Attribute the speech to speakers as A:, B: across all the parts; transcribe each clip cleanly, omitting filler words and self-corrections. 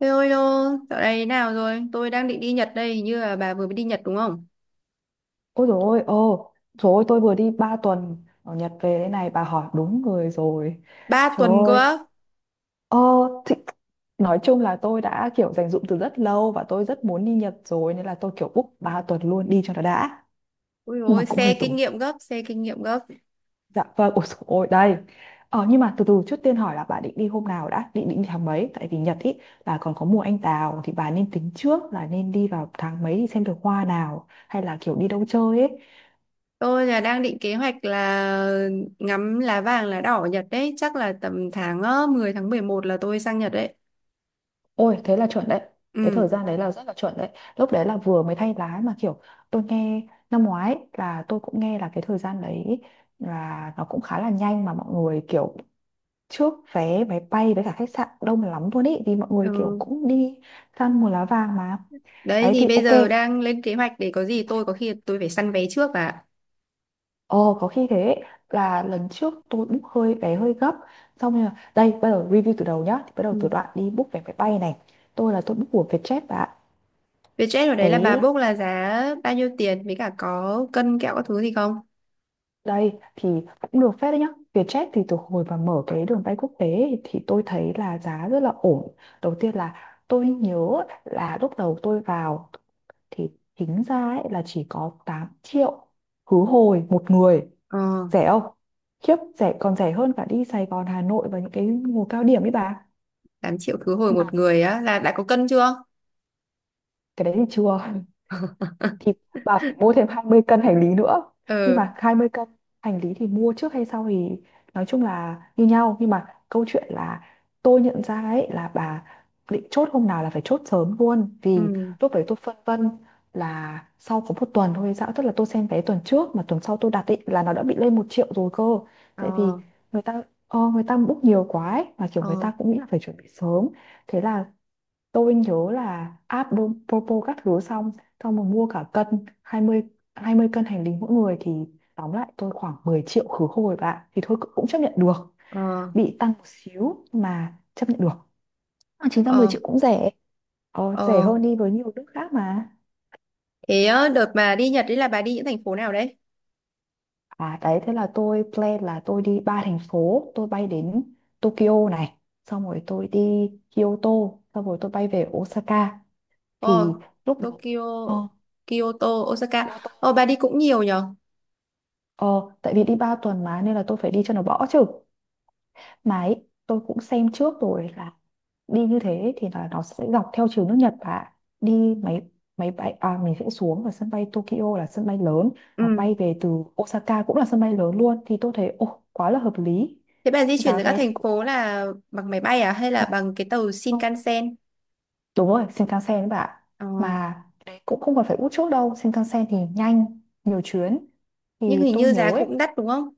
A: Thế ơi đô, dạo này thế nào rồi? Tôi đang định đi Nhật đây, hình như là bà vừa mới đi Nhật đúng không?
B: Ôi dồi ôi, ồ, trời ơi, tôi vừa đi 3 tuần ở Nhật về đây này, bà hỏi đúng người rồi.
A: Ba
B: Trời
A: tuần cơ
B: ơi,
A: á.
B: ờ, thì, nói chung là tôi đã kiểu dành dụm từ rất lâu và tôi rất muốn đi Nhật rồi nên là tôi kiểu book 3 tuần luôn đi cho nó đã.
A: Ui
B: Nhưng mà
A: ôi,
B: cũng hơi
A: xe kinh
B: tốn.
A: nghiệm gấp, xe kinh nghiệm gấp.
B: Dạ vâng, ôi dồi ôi, đây. Ờ, nhưng mà từ từ trước tiên hỏi là bà định đi hôm nào đã, định định tháng mấy? Tại vì Nhật ý là còn có mùa anh đào thì bà nên tính trước là nên đi vào tháng mấy thì xem được hoa nào hay là kiểu đi đâu chơi ấy.
A: Tôi là đang định kế hoạch là ngắm lá vàng lá đỏ ở Nhật đấy, chắc là tầm tháng 10 tháng 11 là tôi sang Nhật đấy.
B: Ôi thế là chuẩn đấy. Cái
A: Ừ.
B: thời gian đấy là rất là chuẩn đấy. Lúc đấy là vừa mới thay lá mà kiểu tôi nghe năm ngoái, là tôi cũng nghe là cái thời gian đấy là nó cũng khá là nhanh mà mọi người kiểu trước vé máy bay với cả khách sạn đông lắm luôn ý. Vì mọi người kiểu
A: Ừ.
B: cũng đi săn mùa lá vàng mà.
A: Đấy
B: Đấy
A: thì
B: thì
A: bây
B: ok.
A: giờ đang lên kế hoạch để có gì tôi có khi tôi phải săn vé trước bà ạ.
B: Ồ có khi thế là lần trước tôi book hơi vé hơi gấp. Xong rồi đây bây giờ review từ đầu nhá. Thì bắt đầu
A: Ừ.
B: từ đoạn đi book vé máy bay này. Tôi là tôi book của Vietjet và
A: Vietjet ở đấy là bà
B: cái.
A: book là giá bao nhiêu tiền với cả có cân kẹo các thứ gì không?
B: Đây thì cũng được phép đấy nhá. Vietjet thì từ hồi mà mở cái đường bay quốc tế ấy, thì tôi thấy là giá rất là ổn. Đầu tiên là tôi nhớ là lúc đầu tôi vào thì tính ra ấy là chỉ có 8 triệu khứ hồi một người.
A: Ờ,
B: Rẻ không? Khiếp, rẻ còn rẻ hơn cả đi Sài Gòn, Hà Nội và những cái mùa cao điểm ấy bà.
A: 8 triệu khứ hồi
B: Mà
A: một người á là đã có cân chưa?
B: cái đấy thì chưa. Thì bà phải mua thêm 20 cân hành lý nữa, nhưng
A: Ừ.
B: mà 20 cân hành lý thì mua trước hay sau thì nói chung là như nhau, nhưng mà câu chuyện là tôi nhận ra ấy là bà định chốt hôm nào là phải chốt sớm luôn,
A: Ừ.
B: vì lúc đấy tôi phân vân là sau có một tuần thôi hay sao, tức là tôi xem vé tuần trước mà tuần sau tôi đặt ấy là nó đã bị lên một triệu rồi cơ. Tại vì
A: Ờ.
B: người ta người ta book nhiều quá ấy, mà kiểu người
A: Ờ.
B: ta cũng nghĩ là phải chuẩn bị sớm. Thế là tôi nhớ là Propo các thứ xong, mà mua cả cân 20 20 cân hành lý mỗi người thì tóm lại tôi khoảng 10 triệu khứ hồi bạn thì thôi cũng chấp nhận được,
A: Ờ.
B: bị tăng một xíu mà chấp nhận được. À, chính ra 10
A: Ờ.
B: triệu cũng rẻ, rẻ
A: Ờ.
B: hơn đi với nhiều nước khác mà.
A: Thế á, đợt mà đi Nhật đấy là bà đi những thành phố nào đấy?
B: À đấy thế là tôi plan là tôi đi ba thành phố. Tôi bay đến Tokyo này, xong rồi tôi đi Kyoto, xong rồi tôi bay về Osaka.
A: Ờ.
B: Thì lúc đầu
A: Tokyo.
B: ờ,
A: Kyoto. Osaka.
B: Kyoto.
A: Ờ, bà đi cũng nhiều nhở.
B: Ờ, tại vì đi 3 tuần mà nên là tôi phải đi cho nó bỏ chứ. Mà ấy, tôi cũng xem trước rồi là đi như thế thì là nó sẽ dọc theo chiều nước Nhật, và đi máy máy bay, à mình sẽ xuống ở sân bay Tokyo là sân bay lớn và
A: Ừ.
B: bay về từ Osaka cũng là sân bay lớn luôn, thì tôi thấy ồ quá là hợp lý.
A: Thế bà di chuyển
B: Giá
A: giữa các
B: vé thì
A: thành
B: cũng
A: phố là bằng máy bay à hay là
B: ừ,
A: bằng cái tàu
B: không.
A: Shinkansen?
B: Đúng rồi, Shinkansen đấy bạn.
A: Ờ,
B: Mà đấy, cũng không còn phải út chốt đâu, Shinkansen thì nhanh, nhiều chuyến. Thì
A: nhưng hình
B: tôi
A: như
B: nhớ
A: giá
B: ấy,
A: cũng đắt đúng không?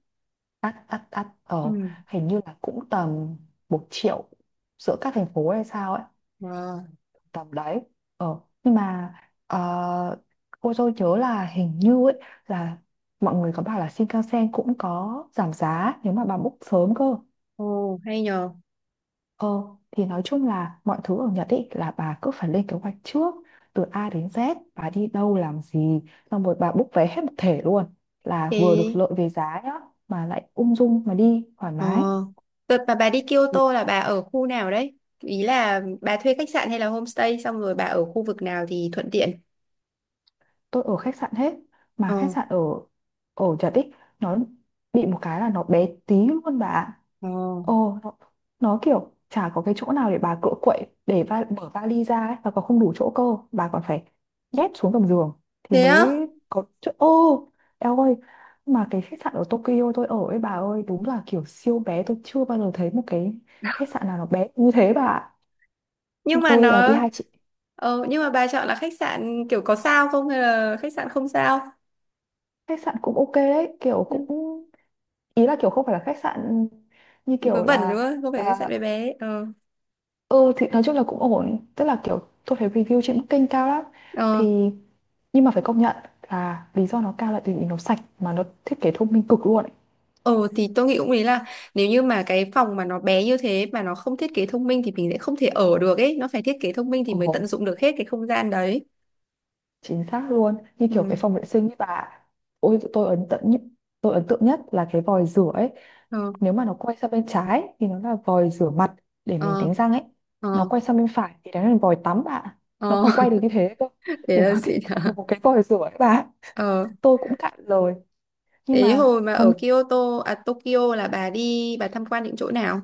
B: ắt ắt ắt ờ
A: Ừ.
B: hình như là cũng tầm một triệu giữa các thành phố hay sao ấy,
A: Ờ.
B: tầm đấy. Ờ nhưng mà ờ, cô tôi nhớ là hình như ấy là mọi người có bảo là Shinkansen cũng có giảm giá nếu mà bà book sớm cơ.
A: Ồ, hay nhờ.
B: Ờ thì nói chung là mọi thứ ở Nhật ấy là bà cứ phải lên kế hoạch trước, từ A đến Z bà đi đâu làm gì, xong rồi bà book vé hết một thể luôn, là vừa được
A: Thế.
B: lợi về giá nhá, mà lại ung dung mà đi thoải
A: Ờ.
B: mái.
A: Đợt mà bà đi Kyoto là bà ở khu nào đấy? Ý là bà thuê khách sạn hay là homestay xong rồi bà ở khu vực nào thì thuận tiện?
B: Tôi ở khách sạn hết, mà khách
A: Ờ.
B: sạn ở ở Trà Tích nó bị một cái là nó bé tí luôn bà ạ.
A: Ờ.
B: Ồ nó kiểu chả có cái chỗ nào để bà cựa quậy để mở vali ra ấy, và còn không đủ chỗ cơ, bà còn phải nhét xuống gầm giường thì
A: Thế á?
B: mới có chỗ ô. Eo ơi, mà cái khách sạn ở Tokyo tôi ở ấy bà ơi đúng là kiểu siêu bé, tôi chưa bao giờ thấy một cái khách sạn nào nó bé như thế bà ạ.
A: Nhưng mà
B: Tôi là đi
A: nó.
B: hai chị.
A: Ờ, nhưng mà bà chọn là khách sạn kiểu có sao không hay là khách sạn không sao?
B: Khách sạn cũng ok đấy kiểu cũng, ý là kiểu không phải là khách sạn như
A: Vớ
B: kiểu
A: vẩn đúng
B: là
A: không? Không phải khách sạn
B: à,
A: bé bé. Ờ.
B: ừ thì nói chung là cũng ổn, tức là kiểu tôi thấy review trên Booking kênh cao lắm
A: Ờ.
B: thì, nhưng mà phải công nhận là lý do nó cao là tại vì nó sạch mà nó thiết kế thông minh cực luôn ấy.
A: Ờ thì tôi nghĩ cũng ý là nếu như mà cái phòng mà nó bé như thế mà nó không thiết kế thông minh thì mình sẽ không thể ở được ấy, nó phải thiết kế thông minh thì mới
B: Ồ.
A: tận dụng được hết cái không gian đấy.
B: Chính xác luôn như kiểu cái
A: Ừ.
B: phòng vệ sinh ấy bà, ôi tôi ấn tượng nhất là cái vòi rửa ấy.
A: Ờ.
B: Nếu mà nó quay sang bên trái thì nó là vòi rửa mặt để mình
A: Ờ.
B: đánh răng ấy, nó
A: Ờ.
B: quay sang bên phải thì đấy là vòi tắm bạn, nó
A: Ờ,
B: còn quay được như thế cơ,
A: thế
B: để
A: là
B: nó
A: xịn
B: tiết kiệm
A: hả?
B: được một cái vòi rửa ấy bà.
A: Ờ,
B: Tôi cũng cạn lời nhưng
A: thế
B: mà
A: hồi mà
B: thông.
A: ở Kyoto, à Tokyo là bà đi, bà tham quan những chỗ nào?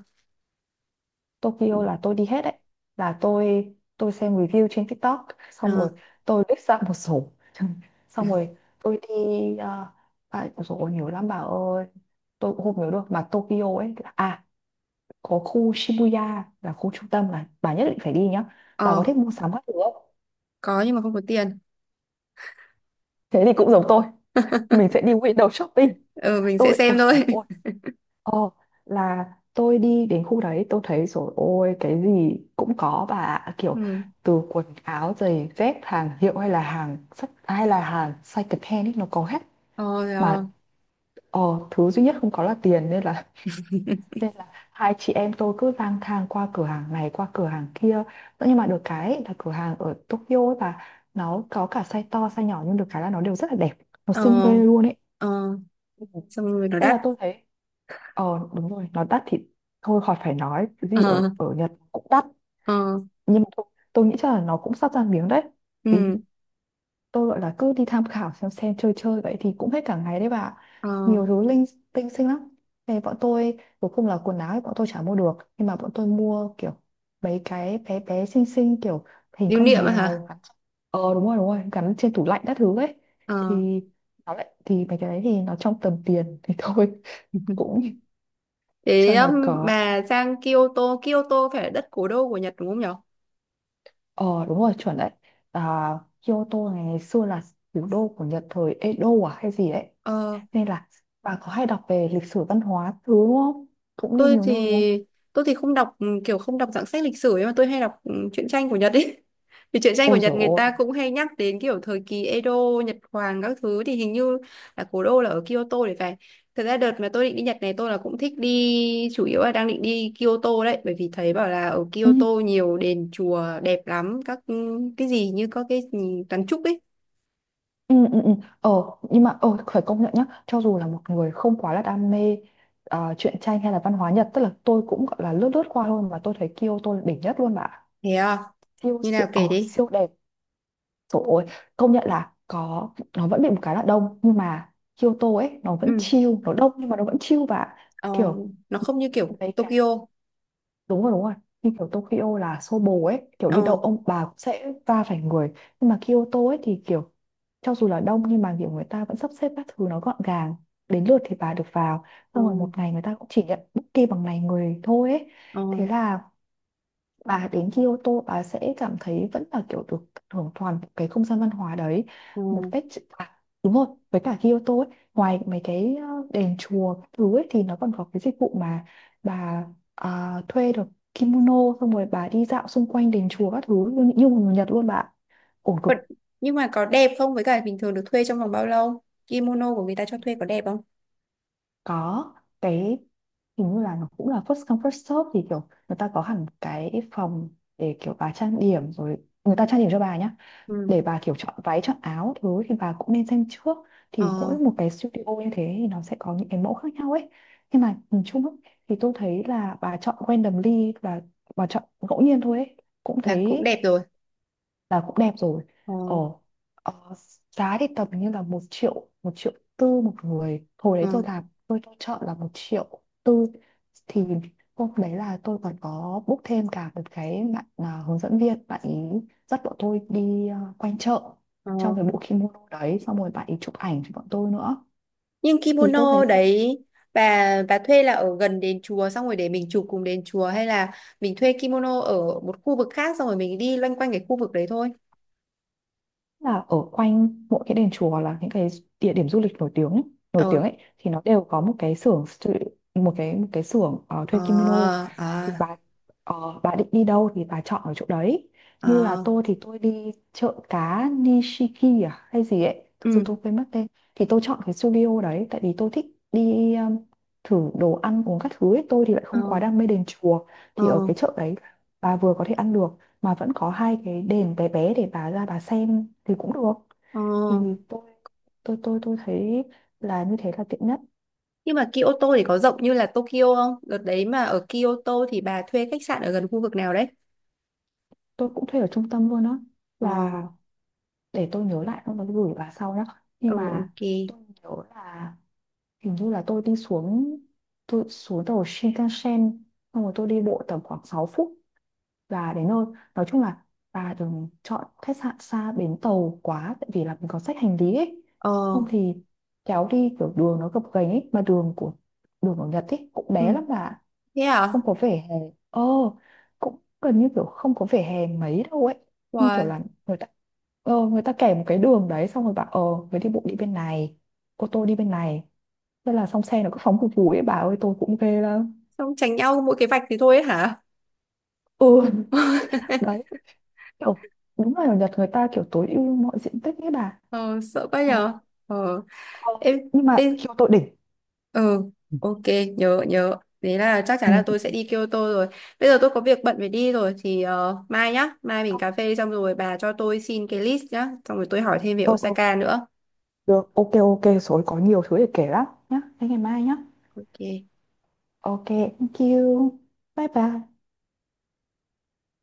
B: Tokyo là tôi đi hết đấy, là tôi xem review trên TikTok xong
A: Ờ,
B: rồi tôi list ra một số, xong rồi tôi đi, uh, à, ôi dồi ôi, nhiều lắm bà ơi, tôi cũng không nhớ được mà Tokyo ấy là- à, có khu Shibuya là khu trung tâm là bà nhất định phải đi nhá. Bà
A: ờ,
B: có thích mua sắm các thứ không?
A: có nhưng mà không có tiền.
B: Thế thì cũng giống tôi, mình sẽ đi window shopping.
A: Ờ, mình sẽ
B: Tôi ôi
A: xem
B: dồi
A: thôi.
B: ôi, ồ, là tôi đi đến khu đấy tôi thấy rồi ôi cái gì cũng có bà ạ. Kiểu
A: Ừ,
B: từ quần áo giày dép hàng hiệu hay là hàng sách hay là hàng second hand ấy nó có hết
A: ờ,
B: mà,
A: rồi.
B: ờ, thứ duy nhất không có là tiền nên là nên là hai chị em tôi cứ lang thang qua cửa hàng này qua cửa hàng kia, nhưng mà được cái ấy là cửa hàng ở Tokyo ấy bà nó có cả size to size nhỏ, nhưng được cái là nó đều rất là đẹp, nó
A: Ờ,
B: xinh ghê
A: ờ,
B: luôn ấy.
A: ờ,
B: Ừ.
A: xong rồi nó
B: Thế
A: đắt.
B: là tôi thấy. Ờ đúng rồi, nó đắt thì thôi khỏi phải nói, cái gì ở
A: Ờ,
B: ở Nhật cũng đắt.
A: ờ,
B: Nhưng mà thôi, tôi nghĩ chắc là nó cũng sắp ra miếng đấy. Thì
A: ừ,
B: tôi gọi là cứ đi tham khảo xem chơi chơi vậy thì cũng hết cả ngày đấy bà ạ.
A: ờ,
B: Nhiều thứ linh tinh xinh lắm. Thế bọn tôi cuối cùng là quần áo thì bọn tôi chả mua được, nhưng mà bọn tôi mua kiểu mấy cái bé bé xinh xinh kiểu hình
A: lưu
B: con
A: niệm á hả?
B: mèo. Gắn-. Ờ đúng rồi, gắn trên tủ lạnh các thứ ấy.
A: Ờ,
B: Thì nó lại thì mấy cái đấy thì nó trong tầm tiền thì thôi, cũng
A: thế
B: cho nó có.
A: bà sang Kyoto, Kyoto phải là đất cố đô của Nhật đúng không nhở?
B: Ờ đúng rồi chuẩn đấy, à, Kyoto này ngày xưa là thủ đô của Nhật thời Edo à hay gì đấy.
A: Ờ,
B: Nên là bà có hay đọc về lịch sử văn hóa thứ đúng không? Cũng đi
A: tôi
B: nhiều nơi đúng không?
A: thì tôi thì không đọc, kiểu không đọc dạng sách lịch sử ấy mà tôi hay đọc truyện tranh của Nhật ấy. Vì truyện tranh của
B: Ôi
A: Nhật
B: dồi
A: người
B: ôi.
A: ta cũng hay nhắc đến kiểu thời kỳ Edo, Nhật Hoàng các thứ thì hình như là cố đô là ở Kyoto để phải. Thật ra đợt mà tôi định đi Nhật này tôi là cũng thích đi, chủ yếu là đang định đi Kyoto đấy, bởi vì thấy bảo là ở
B: Ừ,
A: Kyoto nhiều đền chùa đẹp lắm, các cái gì như có cái gì kiến trúc ấy.
B: ừ, ừ, ừ. Ờ nhưng mà phải công nhận nhá. Cho dù là một người không quá là đam mê à, truyện tranh hay là văn hóa Nhật, tức là tôi cũng gọi là lướt lướt qua thôi, mà tôi thấy Kyoto là đỉnh nhất luôn bà ạ.
A: Thế à?
B: Siêu
A: Như nào
B: siêu,
A: kể đi.
B: siêu đẹp. Trời ơi, công nhận là có, nó vẫn bị một cái là đông nhưng mà Kyoto ấy nó vẫn
A: Ừ.
B: chill, nó đông nhưng mà nó vẫn chill, và
A: Ờ,
B: kiểu
A: nó không như kiểu
B: mấy cái,
A: Tokyo.
B: đúng rồi đúng rồi. Như kiểu Tokyo là xô bồ ấy, kiểu đi đâu
A: Ờ.
B: ông bà cũng sẽ va phải người. Nhưng mà Kyoto ấy thì kiểu cho dù là đông nhưng mà kiểu người ta vẫn sắp xếp các thứ nó gọn gàng. Đến lượt thì bà được vào.
A: Ờ.
B: Xong rồi một ngày người ta cũng chỉ nhận booking bằng ngày người thôi ấy.
A: Ờ.
B: Thế là bà đến Kyoto bà sẽ cảm thấy vẫn là kiểu được hưởng toàn bộ cái không gian văn hóa đấy
A: Ờ.
B: một cách à, đúng rồi. Với cả Kyoto ấy, ngoài mấy cái đền chùa các thứ ấy thì nó còn có cái dịch vụ mà bà à, thuê được kimono, xong rồi bà đi dạo xung quanh đền chùa các thứ như một người Nhật luôn bà ạ. Ổn cực.
A: Vẫn- nhưng mà có đẹp không? Với cả bình thường được thuê trong vòng bao lâu? Kimono của người ta cho thuê có đẹp không?
B: Có cái hình như là nó cũng là first come first serve, thì kiểu người ta có hẳn cái phòng để kiểu bà trang điểm rồi, người ta trang điểm cho bà nhá,
A: Ừ.
B: để bà kiểu chọn váy chọn áo thứ thì bà cũng nên xem trước. Thì mỗi
A: Ờ,
B: một cái studio như thế thì nó sẽ có những cái mẫu khác nhau ấy, nhưng mà nhìn chung ấy, thì tôi thấy là bà chọn randomly, là bà chọn ngẫu nhiên thôi ấy, cũng
A: là cũng
B: thấy
A: đẹp rồi.
B: là cũng đẹp rồi.
A: Ờ,
B: ờ, ờ, Giá thì tầm như là 1.000.000 1.400.000 một người, hồi
A: ờ,
B: đấy tôi làm tôi chọn là 1.400.000. Thì hôm đấy là tôi còn có book thêm cả một cái bạn à, hướng dẫn viên, bạn ý dắt bọn tôi đi à, quanh chợ trong
A: ờ.
B: cái bộ kimono đấy, xong rồi bạn ý chụp ảnh cho bọn tôi nữa.
A: Nhưng
B: Thì tôi thấy
A: kimono
B: cũng
A: đấy, bà thuê là ở gần đền chùa xong rồi để mình chụp cùng đền chùa, hay là mình thuê kimono ở một khu vực khác xong rồi mình đi loanh quanh cái khu vực đấy thôi?
B: là ở quanh mỗi cái đền chùa là những cái địa điểm du lịch nổi tiếng
A: Ờ,
B: ấy thì nó đều có một cái một cái xưởng
A: ờ,
B: thuê kimono.
A: à,
B: Thì bà định đi đâu thì bà chọn ở chỗ đấy, như là
A: à,
B: tôi thì tôi đi chợ cá Nishiki à hay gì ấy, thực sự
A: ừ,
B: tôi quên mất tên. Thì tôi chọn cái studio đấy tại vì tôi thích đi thử đồ ăn uống các thứ ấy, tôi thì lại
A: ờ,
B: không quá đam mê đền chùa. Thì ở
A: ờ,
B: cái chợ đấy bà vừa có thể ăn được mà vẫn có hai cái đền bé bé để bà ra bà xem thì cũng được.
A: ờ.
B: Thì tôi tôi thấy là như thế là tiện nhất.
A: Nhưng mà Kyoto thì có rộng như là Tokyo không? Đợt đấy mà ở Kyoto thì bà thuê khách sạn ở gần khu vực nào đấy?
B: Tôi cũng thuê ở trung tâm luôn á,
A: Ờ,
B: là để tôi nhớ lại xong rồi tôi gửi bà sau nhá.
A: ừ,
B: Nhưng mà
A: ok.
B: tôi nhớ là hình như là tôi xuống tàu Shinkansen xong rồi tôi đi bộ tầm khoảng 6 phút và đến nơi. Nói chung là bà đừng chọn khách sạn xa bến tàu quá tại vì là mình có xách hành lý ấy,
A: Ờ,
B: không thì kéo đi kiểu đường nó gập ghềnh ấy, mà đường ở Nhật ấy cũng bé
A: ừ,
B: lắm bà,
A: thế à?
B: không có vỉa hè. ờ Cũng gần như kiểu không có vỉa hè mấy đâu ấy, như kiểu
A: Wow,
B: là người ta người ta kẻ một cái đường đấy xong rồi bảo người đi bộ đi bên này, ô tô đi bên này, thế là xong. Xe nó cứ phóng phù phù ấy bà ơi, tôi cũng ghê lắm.
A: xong tránh nhau mỗi cái vạch thì thôi ấy hả?
B: Ừ. Đấy, kiểu đúng là ở Nhật người ta kiểu tối ưu mọi diện tích ấy bà.
A: Ờ, sợ quá
B: Đấy.
A: nhờ. Ờ,
B: Ờ,
A: em,
B: nhưng mà
A: em,
B: khiêu tội đỉnh.
A: ừ,
B: Ừ,
A: ok, nhớ, nhớ. Thế là chắc chắn là tôi sẽ
B: ừ,
A: đi Kyoto rồi. Bây giờ tôi có việc bận phải đi rồi, thì mai nhá, mai mình
B: ờ,
A: cà phê xong rồi bà cho tôi xin cái list nhá, xong rồi tôi hỏi thêm về
B: ờ, ờ,
A: Osaka nữa.
B: được. Ok ok rồi, có nhiều thứ để kể lắm nhá, thế ngày mai nhá.
A: Ok.
B: Ok. Thank you. Bye bye.